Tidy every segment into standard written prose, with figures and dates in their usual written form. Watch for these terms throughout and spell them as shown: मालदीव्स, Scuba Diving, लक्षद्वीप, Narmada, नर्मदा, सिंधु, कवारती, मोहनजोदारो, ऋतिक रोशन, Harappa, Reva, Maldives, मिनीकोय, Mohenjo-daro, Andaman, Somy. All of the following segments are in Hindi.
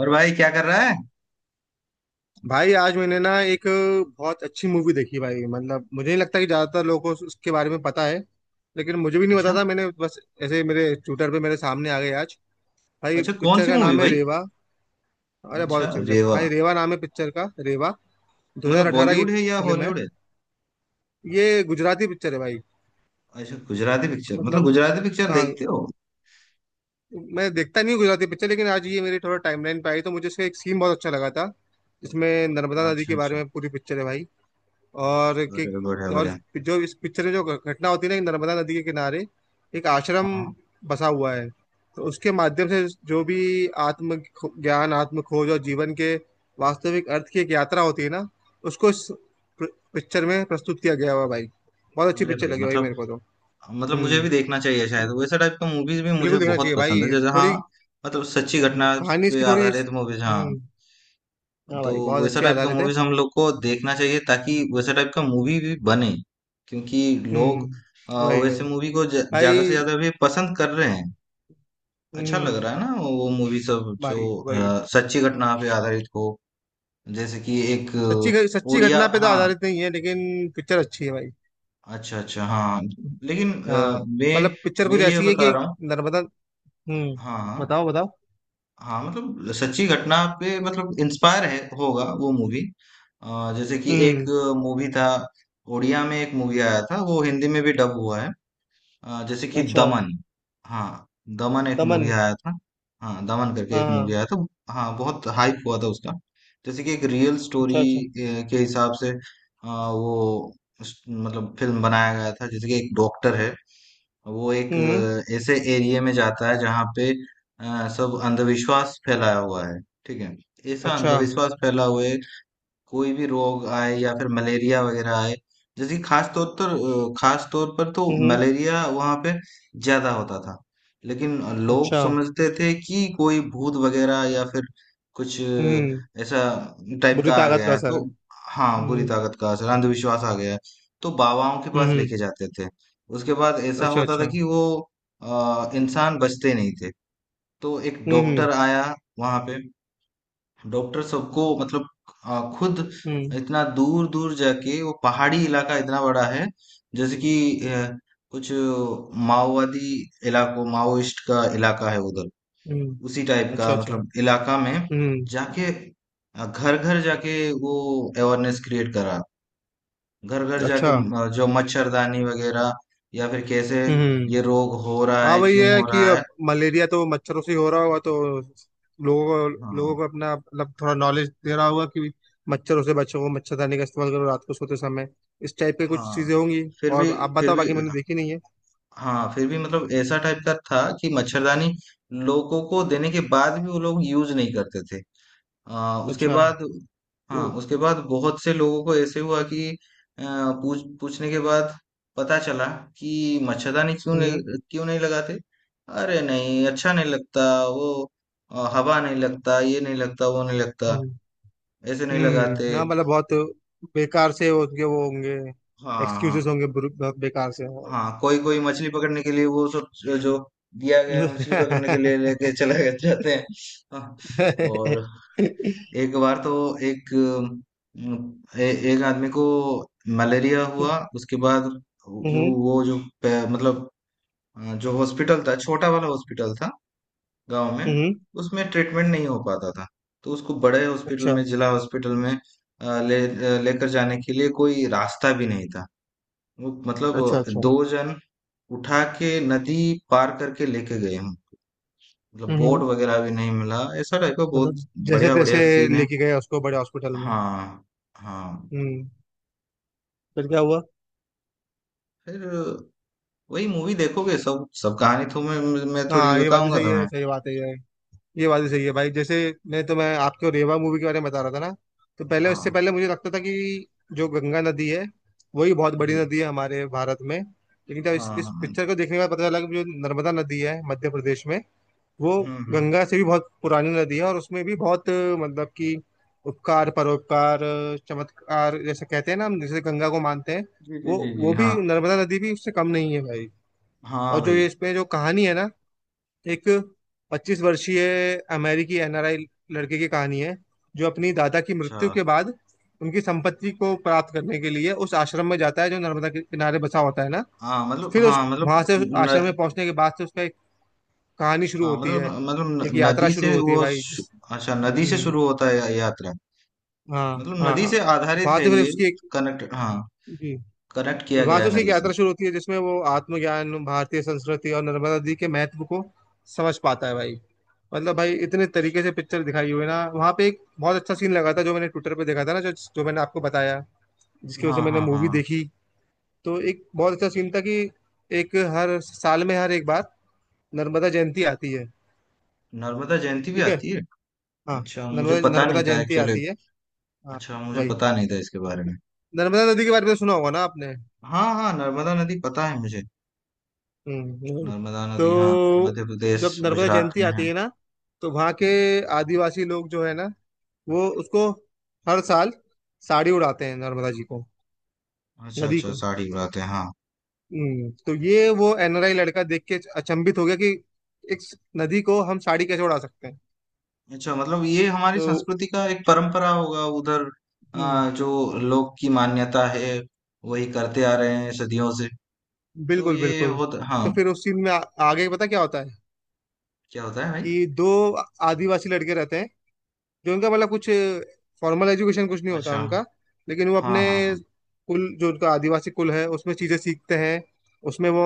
और भाई क्या कर रहा है। भाई आज मैंने ना एक बहुत अच्छी मूवी देखी भाई। मतलब मुझे नहीं लगता कि ज्यादातर लोगों को उसके बारे में पता है लेकिन मुझे भी नहीं पता अच्छा, था। मैंने बस ऐसे मेरे ट्विटर पे मेरे सामने आ गई आज। भाई अच्छा, कौन पिक्चर सी का मूवी नाम है भाई। रेवा। अरे बहुत अच्छा, अच्छी पिक्चर रेवा। भाई, रेवा नाम है पिक्चर का। रेवा मतलब 2018 बॉलीवुड की है या फिल्म है। हॉलीवुड है। ये गुजराती पिक्चर है भाई। अच्छा, गुजराती पिक्चर, मतलब मतलब गुजराती पिक्चर हाँ, देखते हो। मैं देखता नहीं हूँ गुजराती पिक्चर लेकिन आज ये मेरी थोड़ा टाइमलाइन पे आई तो मुझे इसका एक सीन बहुत अच्छा लगा था जिसमें नर्मदा नदी अच्छा, के बारे अच्छा। में पूरी पिक्चर है भाई। और कि अरे, बढ़िया और बढ़िया। जो इस पिक्चर में जो घटना होती है ना कि नर्मदा नदी के किनारे एक आश्रम हाँ। बसा हुआ है, तो उसके माध्यम से जो भी ज्ञान, आत्म खोज और जीवन के वास्तविक अर्थ की एक यात्रा होती है ना उसको इस पिक्चर में प्रस्तुत किया गया हुआ है भाई। बहुत अच्छी अरे पिक्चर भाई लगी भाई मतलब मेरे को तो। मतलब मुझे हम्म, भी देखना चाहिए शायद। वैसा टाइप का मूवीज भी मुझे बिल्कुल देखना बहुत चाहिए पसंद है, भाई जैसे। हाँ। थोड़ी। मतलब सच्ची घटना कहानी पे इसकी थोड़ी आधारित मूवीज। हाँ। हम्म। हाँ तो भाई बहुत वैसा अच्छी टाइप का आधारित है। मूवीज हम लोग को देखना चाहिए, ताकि वैसा टाइप का मूवी भी बने, क्योंकि लोग अ, हम्म, वही वही वैसे मूवी को ज्यादा भाई। से ज्यादा भी पसंद कर रहे हैं। अच्छा लग हम्म रहा है ना वो मूवी सब, जो भाई, वही। सच्ची घटना पे आधारित हो। जैसे कि एक सच्ची उड़िया, घटना पे तो हाँ। आधारित नहीं है लेकिन पिक्चर अच्छी है भाई। अच्छा, अच्छा, हाँ। लेकिन हाँ मैं मतलब पिक्चर मैं कुछ ये ऐसी है कि बता एक रहा हूँ। नर्मदा। हम्म, हाँ, हाँ, बताओ बताओ। हाँ, मतलब सच्ची घटना पे, मतलब इंस्पायर है होगा वो मूवी। जैसे कि एक हम्म। मूवी था। उड़िया में एक मूवी आया था, वो हिंदी में भी डब हुआ है। जैसे कि अच्छा, दमन। हाँ। दमन एक मूवी दमन। आया था। हाँ, दमन करके हाँ एक मूवी हाँ। आया था। हाँ, बहुत हाइप हुआ था उसका। जैसे कि एक रियल स्टोरी अच्छा अच्छा। के हिसाब से वो, मतलब फिल्म बनाया गया था। जैसे कि एक डॉक्टर है, वो एक हम्म। ऐसे एरिया में जाता है जहाँ पे सब अंधविश्वास फैलाया हुआ है। ठीक है। ऐसा अच्छा। अंधविश्वास फैला हुए, कोई भी रोग आए या फिर मलेरिया वगैरह आए। जैसे कि खास तौर पर, खास तौर पर तो हम्म। मलेरिया वहां पे ज्यादा होता था। लेकिन लोग अच्छा। समझते थे कि कोई भूत वगैरह या फिर कुछ हम्म। ऐसा टाइप बुरी का आ ताकत गया का है, असर तो। है। हाँ, बुरी हम्म। ताकत का असर, अंधविश्वास आ गया है। तो बाबाओं के पास हम्म। लेके जाते थे। उसके बाद ऐसा अच्छा होता था अच्छा। कि वो इंसान बचते नहीं थे। तो एक हम्म। डॉक्टर आया वहां पे। डॉक्टर सबको मतलब खुद हम्म। इतना दूर दूर जाके, वो पहाड़ी इलाका इतना बड़ा है। जैसे कि अ, कुछ माओवादी इलाकों, माओइस्ट का इलाका है उधर। हम्म। उसी टाइप अच्छा का, अच्छा। मतलब इलाका में हम्म। जाके, घर घर जाके वो अवेयरनेस क्रिएट करा। घर घर जाके अच्छा। जो मच्छरदानी वगैरह, या फिर कैसे हम्म। ये रोग हो रहा हाँ है, वही क्यों है हो कि रहा है। अब मलेरिया तो मच्छरों से ही हो रहा होगा तो लोगों को लोगों हाँ, को अपना मतलब थोड़ा नॉलेज दे रहा होगा कि मच्छरों से बचो, मच्छरदानी का इस्तेमाल करो रात को सोते समय। इस टाइप के कुछ हाँ। चीजें होंगी। फिर भी, और आप फिर बताओ, भी, बाकी मैंने देखी नहीं है। हाँ, फिर भी मतलब ऐसा टाइप का था कि मच्छरदानी लोगों को देने के बाद भी वो लोग यूज नहीं करते थे। उसके अच्छा। बाद। हाँ, हम्म। उसके बाद बहुत से लोगों को ऐसे हुआ कि पूछने के बाद पता चला कि मच्छरदानी क्यों नहीं, हम्म। क्यों नहीं लगाते। अरे नहीं, अच्छा नहीं लगता वो, हवा नहीं लगता, ये नहीं लगता, वो नहीं लगता, ऐसे नहीं लगाते। हाँ मतलब बहुत बेकार से उनके वो होंगे। हाँ, हाँ। एक्सक्यूजेस होंगे बहुत बेकार से हाँ, कोई कोई मछली पकड़ने के लिए वो सब जो जो दिया गया है, मछली पकड़ने के लिए लेके जाते हैं। हाँ, और एक बार तो एक आदमी को मलेरिया हम्म। हुआ। उसके बाद वो वो जो मतलब जो हॉस्पिटल था, छोटा वाला हॉस्पिटल था गांव में, हम्म। उसमें ट्रीटमेंट नहीं हो पाता था। तो उसको बड़े हॉस्पिटल अच्छा में, जिला हॉस्पिटल में लेकर जाने के लिए कोई रास्ता भी नहीं था। वो, अच्छा। मतलब अच्छा। दो जन उठा के नदी पार करके लेके गए। हम, मतलब बोट हम्म। वगैरह भी नहीं मिला, ऐसा टाइप का बहुत। मतलब जैसे बढ़िया, तैसे बढ़िया सीन है। लेके गए उसको बड़े हॉस्पिटल में। हाँ, हाँ। हम्म, फिर क्या हुआ? फिर वही, मूवी देखोगे, सब सब कहानी तो मैं थोड़ी हाँ ये बात भी बताऊंगा सही तुम्हें। है, सही बात है ये। ये बात भी सही है भाई। जैसे मैं तो, मैं आपको रेवा मूवी के बारे में बता रहा था ना, तो पहले हाँ, उससे पहले मुझे लगता था कि जो गंगा नदी है वही बहुत बड़ी जी। नदी है हमारे भारत में, लेकिन जब इस हाँ, इस हाँ, हाँ। पिक्चर को देखने के बाद पता चला कि जो नर्मदा नदी है मध्य प्रदेश में वो हम्म, हम्म। गंगा से भी बहुत पुरानी नदी है और उसमें भी बहुत, मतलब कि उपकार, परोपकार, चमत्कार जैसे कहते हैं ना हम, जैसे गंगा को मानते हैं जी, जी, वो जी, जी, वो हाँ, भी, नर्मदा नदी भी उससे कम नहीं है भाई। हाँ, और जो ये भाई। इसमें जो कहानी है ना, एक 25 वर्षीय अमेरिकी एनआरआई लड़के की कहानी है जो अपनी दादा की अच्छा, मृत्यु के बाद उनकी संपत्ति को प्राप्त करने के लिए उस आश्रम में जाता है जो नर्मदा के किनारे बसा होता है ना। हाँ मतलब, फिर उस हाँ मतलब वहां से उस आश्रम में न, पहुंचने के बाद से उसका कहानी शुरू हाँ होती मतलब है, मतलब एक यात्रा नदी से शुरू होती है वो भाई जिस। अच्छा, नदी से हम्म, शुरू होता है यात्रा। हाँ मतलब नदी हाँ। से आधारित वहां है से फिर ये। उसकी एक। कनेक्ट, हाँ। जी। कनेक्ट किया वहां गया से है उसकी एक नदी से। यात्रा शुरू होती है जिसमें वो आत्मज्ञान, भारतीय संस्कृति और नर्मदा नदी के महत्व को समझ पाता है भाई। मतलब भाई इतने तरीके से पिक्चर दिखाई हुई है ना, वहां पे एक बहुत अच्छा सीन लगा था जो मैंने ट्विटर पे देखा था ना, जो जो मैंने आपको बताया जिसकी वजह हाँ, से मैंने हाँ, मूवी हाँ। देखी। तो एक बहुत अच्छा सीन था कि एक हर साल में हर एक बार नर्मदा जयंती आती है। नर्मदा जयंती भी ठीक है। आती है। हाँ। अच्छा, मुझे नर्मदा पता नहीं नर्मदा था जयंती एक्चुअली। आती है। हाँ अच्छा, मुझे वही। पता नहीं था इसके बारे में। नर्मदा नदी के बारे में सुना होगा ना आपने? हाँ, हाँ, नर्मदा नदी पता है मुझे। वही। नर्मदा नदी, हाँ। तो मध्य प्रदेश, जब नर्मदा गुजरात जयंती में है। आती है ना तो वहाँ के आदिवासी लोग जो है ना वो उसको हर साल साड़ी उड़ाते हैं नर्मदा जी को, अच्छा, नदी अच्छा, को। साड़ी बात है, हाँ। हम्म। तो ये वो एनआरआई लड़का देख के अचंभित हो गया कि एक नदी को हम साड़ी कैसे उड़ा सकते हैं? अच्छा, मतलब ये हमारी तो संस्कृति का एक परंपरा होगा उधर, हम्म, जो लोग की मान्यता है। वही करते आ रहे हैं सदियों से। तो बिल्कुल ये बिल्कुल। होता, हाँ। तो फिर उस सीन में आगे पता क्या होता है क्या होता है भाई। कि दो आदिवासी लड़के रहते हैं जो उनका मतलब कुछ फॉर्मल एजुकेशन कुछ नहीं होता अच्छा, उनका, लेकिन वो हाँ, अपने हाँ, हाँ। कुल, जो उनका आदिवासी कुल है, उसमें चीज़ें सीखते हैं। उसमें वो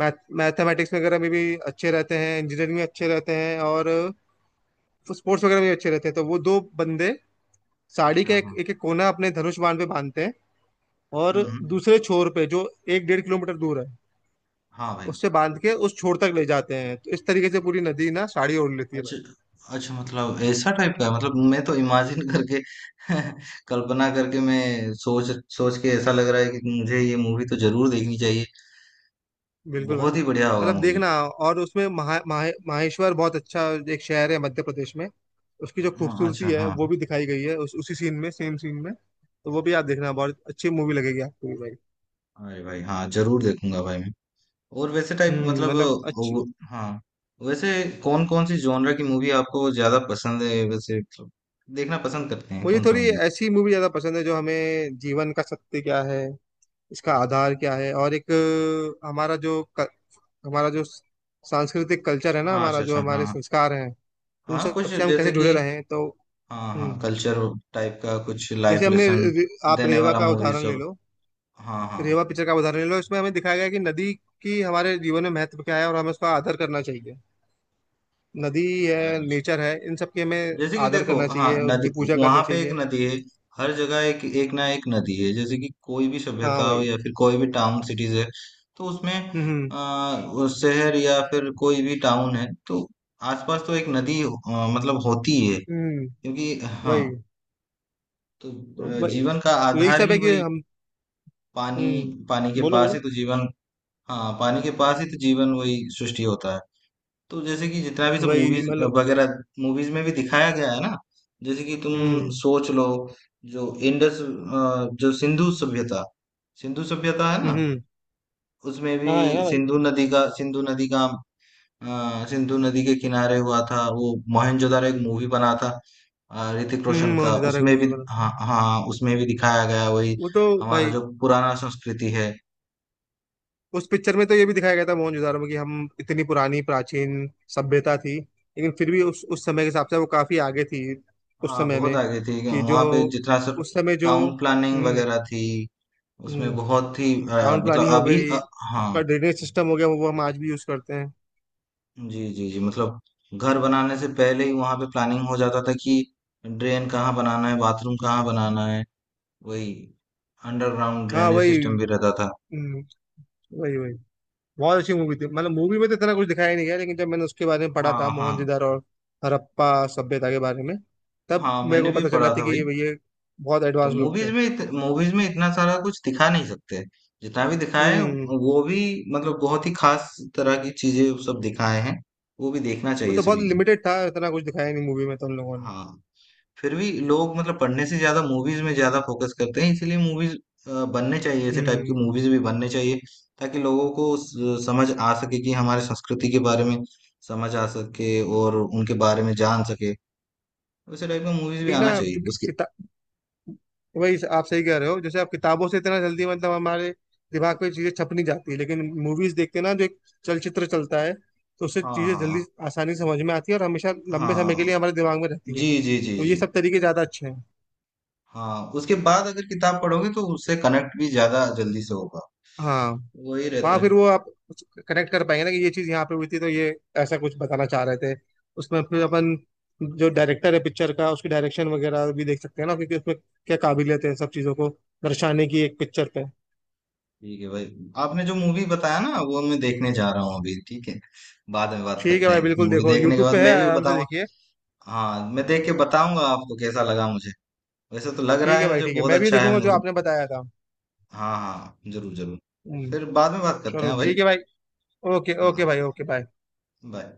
मैथ मैथमेटिक्स वगैरह में भी अच्छे रहते हैं, इंजीनियरिंग में अच्छे रहते हैं और स्पोर्ट्स वगैरह में भी अच्छे रहते हैं। तो वो दो बंदे साड़ी अच्छा, का एक हाँ। एक, एक कोना अपने धनुष बाण पे बांधते हैं और हम्म, दूसरे छोर पे, जो एक 1.5 किलोमीटर दूर है, हाँ भाई। उससे बांध के उस छोर तक ले जाते हैं, तो इस तरीके से पूरी नदी ना साड़ी ओढ़ लेती है। अच्छा, अच्छा, मतलब ऐसा टाइप का है। मतलब मैं तो इमेजिन करके कल्पना करके, मैं सोच सोच के ऐसा लग रहा है कि मुझे ये मूवी तो जरूर देखनी चाहिए। बिल्कुल भाई। बहुत ही बढ़िया होगा मतलब मूवी। देखना, और उसमें महा, महा, माहेश्वर बहुत अच्छा एक शहर है मध्य प्रदेश में, उसकी जो हाँ, खूबसूरती अच्छा, है हाँ। वो भी दिखाई गई है उसी सीन में, सेम सीन में, तो वो भी आप देखना, बहुत अच्छी मूवी लगेगी आपको भी भाई। अरे भाई, हाँ जरूर देखूंगा भाई मैं। और वैसे टाइप, हम्म, मतलब मतलब अच्छी। हाँ। वैसे, कौन कौन सी जॉनर की मूवी आपको ज्यादा पसंद है, वैसे मतलब देखना पसंद करते हैं मुझे कौन सा थोड़ी मूवी। ऐसी मूवी ज्यादा पसंद है जो हमें जीवन का सत्य क्या है, इसका आधार क्या है, और एक अ, हमारा जो क- हमारा जो सांस्कृतिक कल्चर है ना, हाँ, हमारा अच्छा, जो अच्छा, हमारे हाँ। संस्कार हैं, उन हाँ, कुछ सब से हम कैसे जैसे कि। जुड़े रहे हैं तो। हाँ, हाँ, हम्म, कल्चर टाइप का कुछ लाइफ जैसे हमने लेसन आप देने रेवा वाला का मूवी उदाहरण ले सब। लो, हाँ, हाँ। रेवा पिक्चर का उदाहरण ले लो, इसमें हमें दिखाया गया है कि नदी की हमारे जीवन में महत्व क्या है और हमें उसका आदर करना चाहिए। नदी है, अच्छा, नेचर है, इन सब की हमें जैसे कि आदर देखो, करना हाँ, चाहिए, नदी। उनकी पूजा वहां करनी पे एक चाहिए। नदी है। हर जगह एक एक, ना एक नदी है, जैसे कि कोई भी हाँ सभ्यता हो वही। या फिर कोई भी टाउन सिटीज है। तो उसमें हम्म। हम्म। वो शहर या फिर कोई भी टाउन है, तो आसपास तो एक नदी मतलब होती है, हम्म, क्योंकि, हाँ। वही। तो तो वही जीवन का तो, यही आधार सब ही है कि वही, हम। पानी। हम्म, पानी के बोलो पास ही बोलो। तो जीवन। हाँ, पानी के पास ही तो जीवन, वही सृष्टि होता है। तो जैसे कि जितना भी सब वही मूवीज मतलब। वगैरह, मूवीज में भी दिखाया गया है ना। जैसे कि तुम हम्म। सोच लो, जो सिंधु सभ्यता, सिंधु सभ्यता है हम्म। ना, उसमें भी हाँ है ना भाई। सिंधु नदी का सिंधु नदी के किनारे हुआ था वो मोहनजोदारो, एक मूवी बना था। ऋतिक हम्म, रोशन का। मोहनजोदारो एक उसमें भी, मूवी बना। हाँ, हाँ, हाँ, उसमें भी दिखाया गया वही, वो तो हमारा भाई जो पुराना संस्कृति है। उस पिक्चर में तो ये भी दिखाया गया था मोहनजोदारो में कि हम इतनी पुरानी प्राचीन सभ्यता थी, लेकिन फिर भी उस समय के हिसाब से वो काफी आगे थी उस हाँ, समय बहुत में। आगे थी कि जो वहां पे। जितना सब उस समय जो टाउन प्लानिंग हम्म। वगैरह थी, उसमें हम्म, बहुत ही टाउन मतलब, प्लानिंग हो अभी गई, हाँ। उसका ड्रेनेज सिस्टम हो गया, वो हम आज भी यूज करते हैं। जी, जी, जी, मतलब घर बनाने से पहले ही वहां पे प्लानिंग हो जाता था कि ड्रेन कहाँ बनाना है, बाथरूम कहाँ बनाना है। वही अंडरग्राउंड हाँ ड्रेनेज वही। सिस्टम भी रहता था। हम्म, वही वही। बहुत अच्छी मूवी थी। मतलब मूवी में तो इतना कुछ दिखाया ही नहीं गया, लेकिन जब मैंने उसके बारे में पढ़ा था, हाँ, हाँ, मोहनजोदारो और हड़प्पा सभ्यता के बारे में, तब हाँ, मेरे मैंने को भी पता चला पढ़ा था था कि भाई। ये बहुत तो एडवांस लोग थे। मूवीज में इतना सारा कुछ दिखा नहीं सकते। जितना भी दिखाए हम्म। वो भी मतलब बहुत ही खास तरह की चीजें सब दिखाए हैं। वो भी देखना वो चाहिए तो बहुत सभी को। लिमिटेड था, इतना कुछ दिखाया नहीं मूवी में तो उन लोगों ने। हाँ, फिर भी लोग मतलब पढ़ने से ज्यादा मूवीज में ज्यादा फोकस करते हैं, इसलिए मूवीज बनने चाहिए, ऐसे टाइप की हम्म। मूवीज भी बनने चाहिए, ताकि लोगों को समझ आ सके कि हमारे संस्कृति के बारे में समझ आ सके और उनके बारे में जान सके। वैसे टाइप का मूवीज भी वही आना ना चाहिए जो कि- उसके। किता वही, आप सही कह रहे हो, जैसे आप किताबों से इतना जल्दी, मतलब हमारे दिमाग में चीजें छप नहीं जाती, लेकिन मूवीज देखते ना, जो एक चलचित्र चलता है तो उससे हाँ, चीजें हाँ, जल्दी आसानी से समझ में आती है और हमेशा हाँ, लंबे समय के हाँ, लिए हमारे दिमाग में रहती है, जी, जी, जी, तो ये जी। सब तरीके ज्यादा अच्छे हैं। हाँ, उसके बाद अगर किताब पढ़ोगे तो उससे कनेक्ट भी ज्यादा जल्दी से होगा। हाँ। वही हाँ, रहता फिर है, वो आप कनेक्ट कर पाएंगे ना कि ये चीज़ यहाँ पे हुई थी तो ये ऐसा कुछ बताना चाह रहे थे। उसमें फिर हाँ। अपन जो डायरेक्टर है पिक्चर का उसकी डायरेक्शन वगैरह भी देख सकते हैं ना, क्योंकि उसमें क्या काबिलियत है सब चीज़ों को दर्शाने की एक पिक्चर पे। ठीक है भाई। आपने जो मूवी बताया ना, वो मैं देखने जा रहा हूँ अभी। ठीक है, बाद में बात ठीक है करते भाई, हैं, बिल्कुल मूवी देखो, देखने के यूट्यूब बाद पे है, मैं भी आराम से बताऊंगा। देखिए। हाँ, मैं देख के बताऊंगा आपको कैसा लगा मुझे। वैसे तो लग रहा ठीक है है भाई, मुझे ठीक है, बहुत मैं भी अच्छा है देखूंगा जो मूवी। आपने बताया था। हाँ, हाँ, जरूर जरूर। हम्म, फिर बाद में बात करते चलो हैं भाई। ठीक है भाई। ओके हाँ, ओके हाँ, भाई, ओके बाय। बाय।